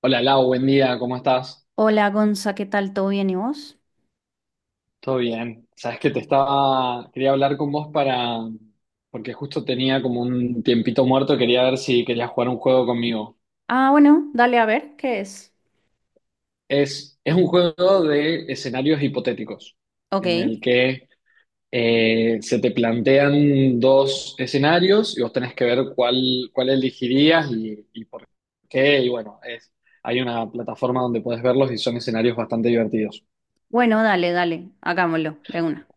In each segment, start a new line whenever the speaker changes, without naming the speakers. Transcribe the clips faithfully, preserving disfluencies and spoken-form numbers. Hola Lau, buen día, ¿cómo estás?
Hola Gonza, ¿qué tal? ¿Todo bien y vos?
Todo bien. Sabes que te estaba, quería hablar con vos para, porque justo tenía como un tiempito muerto, quería ver si querías jugar un juego conmigo.
Ah, bueno, dale a ver qué es.
Es, es un juego de escenarios hipotéticos, en
Ok.
el que eh, se te plantean dos escenarios y vos tenés que ver cuál, cuál elegirías y, y por qué. Y bueno, es, hay una plataforma donde podés verlos y son escenarios bastante divertidos.
Bueno, dale, dale, hagámoslo de una.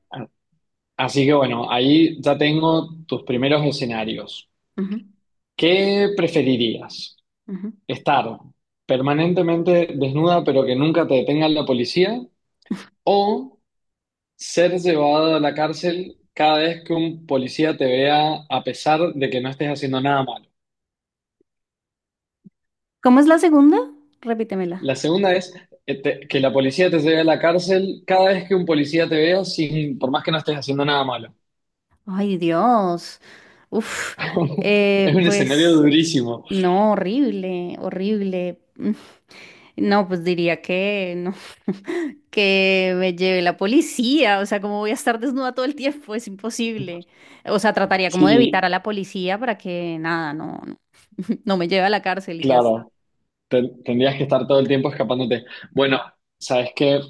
Así que bueno, ahí ya tengo tus primeros escenarios.
Ujú,
¿Qué preferirías?
ujú.
¿Estar permanentemente desnuda pero que nunca te detenga la policía? ¿O ser llevada a la cárcel cada vez que un policía te vea a pesar de que no estés haciendo nada malo?
¿Cómo es la segunda? Repítemela.
La segunda es eh, te- que la policía te lleve a la cárcel cada vez que un policía te vea sin, por más que no estés haciendo nada malo.
Ay, Dios. Uf,
Es
eh,
un escenario
pues
durísimo.
no, horrible, horrible. No, pues diría que no, que me lleve la policía, o sea, ¿cómo voy a estar desnuda todo el tiempo? Es imposible. O sea, trataría como de evitar
Sí,
a la policía para que nada, no, no, no me lleve a la cárcel y ya está.
claro. Ten- Tendrías que estar todo el tiempo escapándote. Bueno, sabes que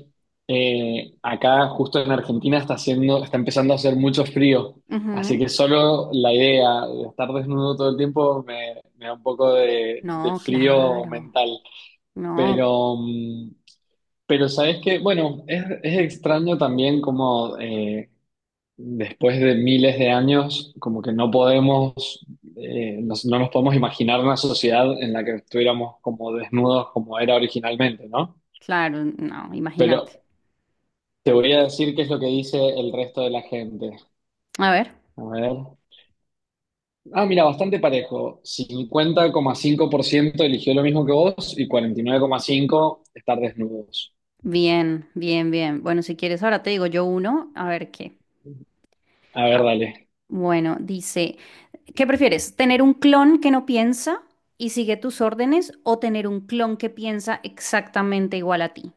acá justo en Argentina está haciendo, está empezando a hacer mucho frío,
Ujú.
así que solo la idea de estar desnudo todo el tiempo me, me da un poco de, de
No,
frío
claro,
mental.
no,
Pero, mm, pero sabes que, bueno, es, es extraño también como eh, después de miles de años, como que no podemos, eh, nos- no nos podemos imaginar una sociedad en la que estuviéramos como desnudos como era originalmente, ¿no?
claro, no, imagínate.
Pero te voy a decir qué es lo que dice el resto de la gente.
A ver,
A ver. Ah, mira, bastante parejo. Cincuenta coma cinco por ciento eligió lo mismo que vos y cuarenta y nueve coma cinco por ciento estar desnudos.
bien, bien, bien. Bueno, si quieres, ahora te digo yo uno, a ver qué.
A ver,
Ah,
dale.
bueno, dice, ¿qué prefieres? ¿Tener un clon que no piensa y sigue tus órdenes o tener un clon que piensa exactamente igual a ti?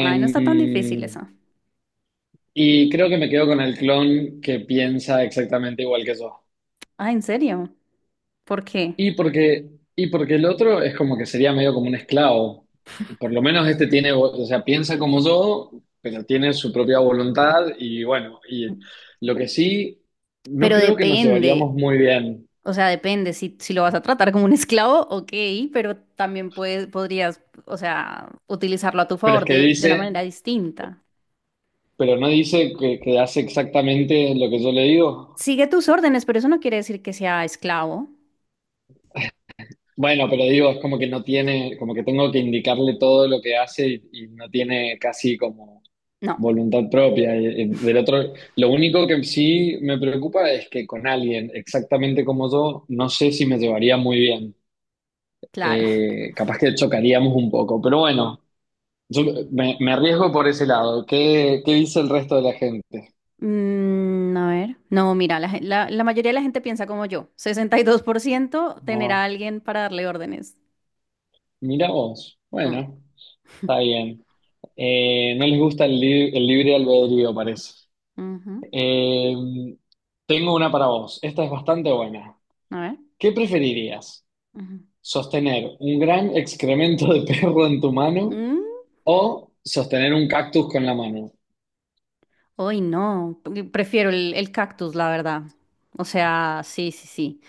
Ay, no está tan difícil esa.
y creo que me quedo con el clon que piensa exactamente igual que yo.
Ah, ¿en serio? ¿Por qué?
Y porque, y porque el otro es como que sería medio como un esclavo. Por lo menos este tiene, vo- o sea, piensa como yo, pero tiene su propia voluntad y bueno, y lo que sí, no
Pero
creo que nos
depende,
llevaríamos muy bien,
o sea, depende si, si lo vas a tratar como un esclavo, ok, pero también puedes, podrías, o sea, utilizarlo a tu
pero es
favor
que
de, de una
dice,
manera distinta.
pero no dice que, que hace exactamente lo que yo le digo.
Sigue tus órdenes, pero eso no quiere decir que sea esclavo.
Bueno, pero digo, es como que no tiene, como que tengo que indicarle todo lo que hace y, y no tiene casi como
No,
voluntad propia. y- y del otro, lo único que sí me preocupa es que con alguien exactamente como yo, no sé si me llevaría muy bien.
claro.
Eh, capaz que chocaríamos un poco, pero bueno, yo me, me arriesgo por ese lado. ¿Qué, qué dice el resto de la gente?
Mm, a ver, no, mira, la, gen- la- la mayoría de la gente piensa como yo. sesenta y dos por ciento tener a
Ah,
alguien para darle órdenes.
mira vos.
Mm.
Bueno, está bien. Eh, no les gusta el, lib- el libre albedrío, parece.
Ujú,
Eh, tengo una para vos. Esta es bastante buena.
a ver.
¿Qué preferirías?
Ujú.
Sostener un gran excremento de perro en tu mano
Mm,
o sostener un cactus con la mano.
uy, no, pre- prefiero el, el cactus, la verdad. O sea, sí, sí, sí.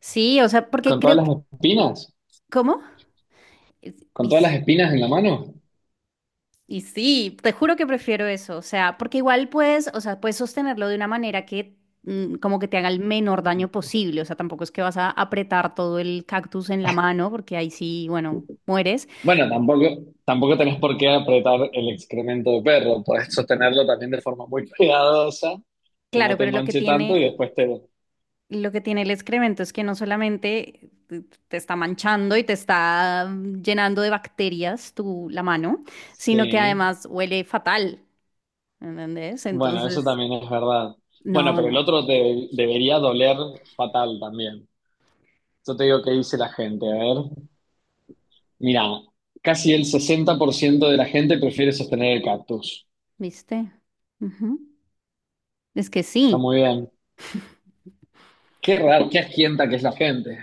Sí, o sea, porque
¿Con todas
creo
las
que...
espinas?
¿Cómo? Es-
¿Con
y
todas
s-
las espinas en la mano?
Y sí, te juro que prefiero eso, o sea, porque igual puedes, o sea, puedes sostenerlo de una manera que mm, como que te haga el menor daño posible, o sea, tampoco es que vas a apretar todo el cactus en la mano, porque ahí sí, bueno, mueres.
Bueno, tampoco, tampoco tenés por qué apretar el excremento de perro. Podés sostenerlo también de forma muy cuidadosa, que
Claro,
no te
pero lo que
manche tanto
tiene,
y después te...
lo que tiene el excremento es que no solamente te te está manchando y te está mm, llenando de bacterias tu la mano, sino que
Sí,
además huele fatal, ¿entendés?
bueno, eso
Entonces,
también es verdad. Bueno,
no,
pero el
no,
otro te debería doler fatal también. Yo te digo qué dice la gente, a ver. Mira, casi el sesenta por ciento de la gente prefiere sostener el cactus.
¿viste? Ujú. Es que
Está
sí.
muy bien. Qué raro, qué asquienta que es la gente.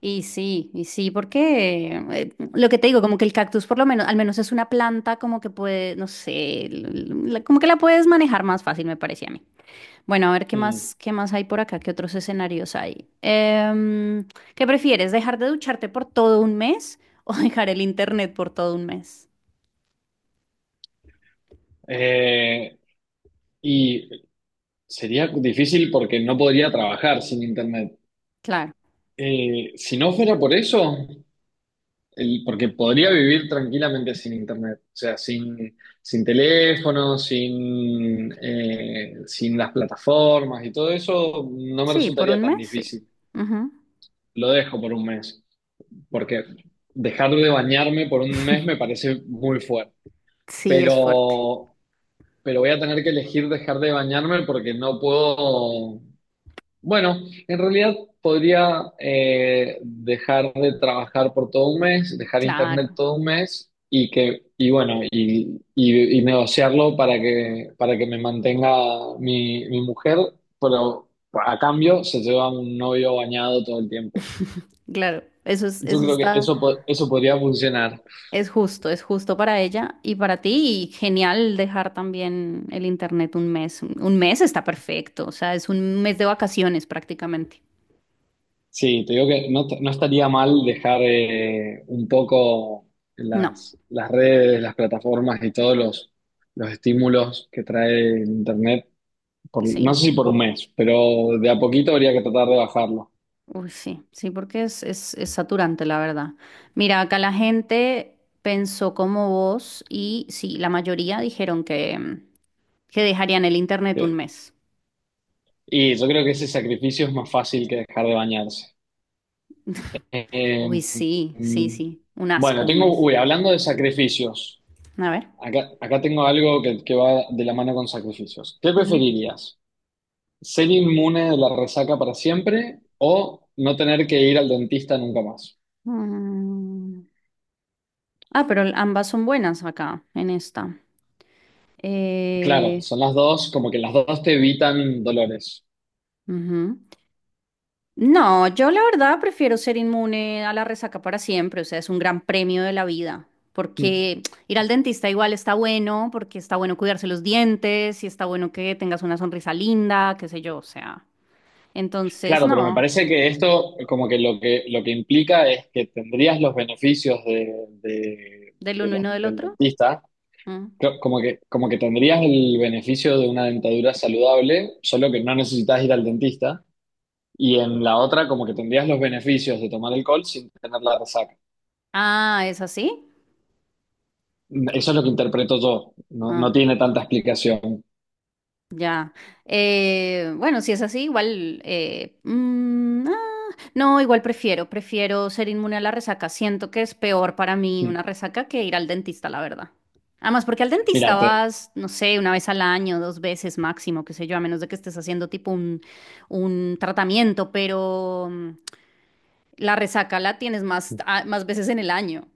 Y sí, y sí, porque eh, lo que te digo, como que el cactus por lo menos, al menos es una planta como que puede, no sé, l- l- la- como que la puedes manejar más fácil, me parecía a mí. Bueno, a ver qué
Mm.
más, qué más hay por acá, qué otros escenarios hay. Em, ¿qué prefieres, dejar de ducharte por todo un mes o dejar el internet por todo un mes?
Eh, y sería difícil porque no podría trabajar sin internet.
Claro,
Eh, si no fuera por eso, el- porque podría vivir tranquilamente sin internet. O sea, sin, sin teléfono, sin, eh, sin las plataformas y todo eso, no me
sí, por
resultaría
un
tan
mes, sí.
difícil.
Ujú.
Lo dejo por un mes, porque dejar de bañarme por un mes me parece muy fuerte,
Sí, es fuerte.
pero, pero voy a tener que elegir dejar de bañarme porque no puedo, bueno, en realidad podría eh, dejar de trabajar por todo un mes, dejar internet
Claro,
todo un mes y que, y bueno, y, y- y negociarlo para que, para que me mantenga mi, mi mujer, pero a cambio se lleva un novio bañado todo el tiempo.
claro, eso es,
Yo
eso
creo que
está.
eso, po- eso podría funcionar.
Es justo, es justo para ella y para ti. Y genial dejar también el internet un mes. Un un mes está perfecto, o sea, es un mes de vacaciones prácticamente.
Sí, te digo que no, no estaría mal dejar eh, un poco
No,
las, las redes, las plataformas y todos los, los estímulos que trae el Internet, por- no
sí,
sé si por un mes, pero de a poquito habría que tratar de bajarlo.
uy, sí, sí, porque es, es, es saturante, la verdad. Mira, acá la gente pensó como vos y sí, la mayoría dijeron que, mm, que dejarían el internet un
Que-
mes.
Y yo creo que ese sacrificio es más fácil que dejar de bañarse. Eh,
Uy, sí, sí,
mm,
sí, un asco
bueno,
un
tengo,
mes.
uy, hablando de sacrificios,
A ver.
acá, acá tengo algo que, que va de la mano con sacrificios. ¿Qué
Ujú.
preferirías? ¿Ser inmune de la resaca para siempre o no tener que ir al dentista nunca más?
Mm, Ah, pero ambas son buenas acá, en esta.
Claro,
Eh,
son las dos, como que las dos te evitan dolores.
ujú. No, yo la verdad prefiero ser inmune a la resaca para siempre, o sea, es un gran premio de la vida,
Mm.
porque ir al dentista igual está bueno, porque está bueno cuidarse los dientes, y está bueno que tengas una sonrisa linda, qué sé yo, o sea. Entonces,
Claro, pero me
no,
parece que esto como que lo que, lo que implica es que tendrías los beneficios de, de-
del
de
uno y
los-
no del
del
otro.
dentista,
Mm.
Co- como que, como que tendrías el beneficio de una dentadura saludable, solo que no necesitas ir al dentista, y en la otra como que tendrías los beneficios de tomar alcohol sin tener la resaca.
Ah, ¿es así?
Eso es lo que interpreto yo. No, no
Ah.
tiene tanta explicación.
Ya. Eh, bueno, si es así, igual... eh, mm, ah, no, igual prefiero, prefiero ser inmune a la resaca. Siento que es peor para mí una resaca que ir al dentista, la verdad. Además, porque al dentista
Mira, te-
vas, no sé, una vez al año, dos veces máximo, qué sé yo, a menos de que estés haciendo tipo un, un tratamiento, pero mm, la resaca la tienes más, ah, más veces en el año.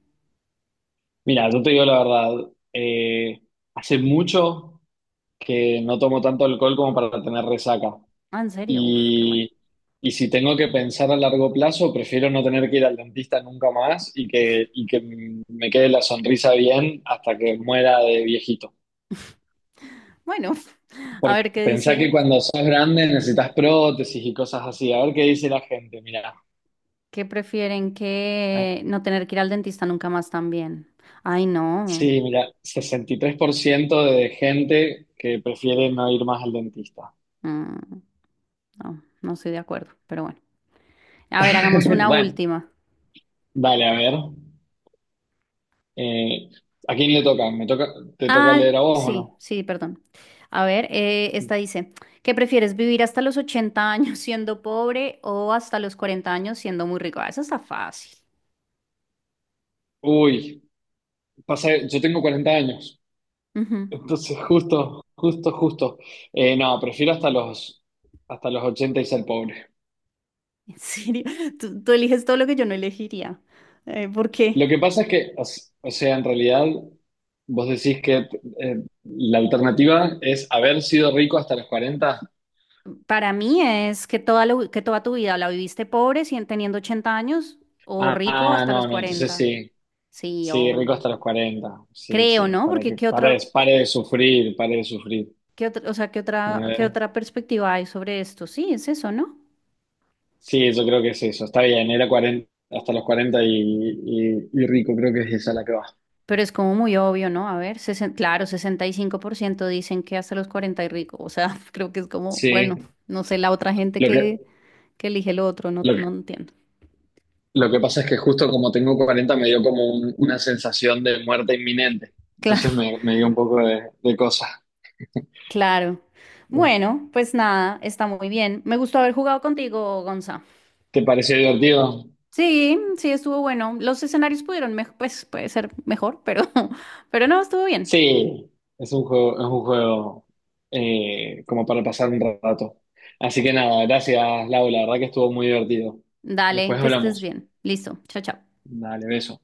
mira, yo te digo la verdad. Eh, hace mucho que no tomo tanto alcohol como para tener resaca.
Ah, ¿en serio? Uf, qué bueno.
Y, y si tengo que pensar a largo plazo, prefiero no tener que ir al dentista nunca más y que, y que me quede la sonrisa bien hasta que muera de viejito.
Bueno, a
Porque
ver qué
pensá que
dice
cuando sos grande necesitas prótesis y cosas así. A ver qué dice la gente. Mira.
que prefieren
¿Eh?
que no tener que ir al dentista nunca más también. Ay, no.
Sí, mira, sesenta y tres por ciento de gente que prefiere no ir más al dentista.
Mm, no, no estoy de acuerdo, pero bueno. A ver, hagamos una
Bueno,
última.
dale, a ver. Eh, ¿a quién le toca? ¿Me toca, te toca
Ah,
leer a vos o
sí,
no?
sí, perdón. A ver, eh, esta dice, ¿qué prefieres vivir hasta los ochenta años siendo pobre o hasta los cuarenta años siendo muy rico? Ah, esa está fácil.
Uy, pasa, yo tengo cuarenta años,
Ujú.
entonces justo, justo, justo. Eh, no, prefiero hasta los, hasta los ochenta y ser pobre.
En serio, tú, tú eliges todo lo que yo no elegiría. Eh, ¿por qué?
Lo que pasa es que, o s- o sea, en realidad, vos decís que eh, la alternativa es haber sido rico hasta los cuarenta.
Para mí es que toda, la- que toda tu vida la viviste pobre, si- teniendo ochenta años, o rico
Ah,
hasta los
no, no, entonces
cuarenta.
sí.
Sí,
Sí, rico hasta
obvio.
los cuarenta. Sí,
Creo,
sí,
¿no?
para
Porque
que
qué
pare,
otra,
pare de sufrir, pare de sufrir.
qué otra, o sea, qué
A
otra, qué
ver.
otra perspectiva hay sobre esto. Sí, es eso, ¿no?
Sí, yo creo que es eso. Está bien, era cuarenta hasta los cuarenta y, y- y rico, creo que es esa la que va.
Pero es como muy obvio, ¿no? A ver, sesen- claro, sesenta y cinco por ciento dicen que hasta los cuarenta y rico. O sea, creo que es como, bueno,
Sí,
no sé, la otra gente
lo
que,
que,
que elige lo otro, no,
lo
no
que,
entiendo.
lo que pasa es que justo como tengo cuarenta me dio como un- una sensación de muerte inminente. Entonces
Claro.
me, me dio un poco de, de cosa.
Claro. Bueno, pues nada, está muy bien. Me gustó haber jugado contigo, Gonza.
¿Te pareció divertido?
Sí, sí, estuvo bueno. Los escenarios pudieron, mej- pues puede ser mejor, pero, pero no, estuvo bien.
Sí, es un juego, es un juego eh, como para pasar un rato. Así que nada, gracias, Lau, la verdad que estuvo muy divertido.
Dale,
Después
que estés
hablamos.
bien. Listo. Chao, chao.
Dale, beso.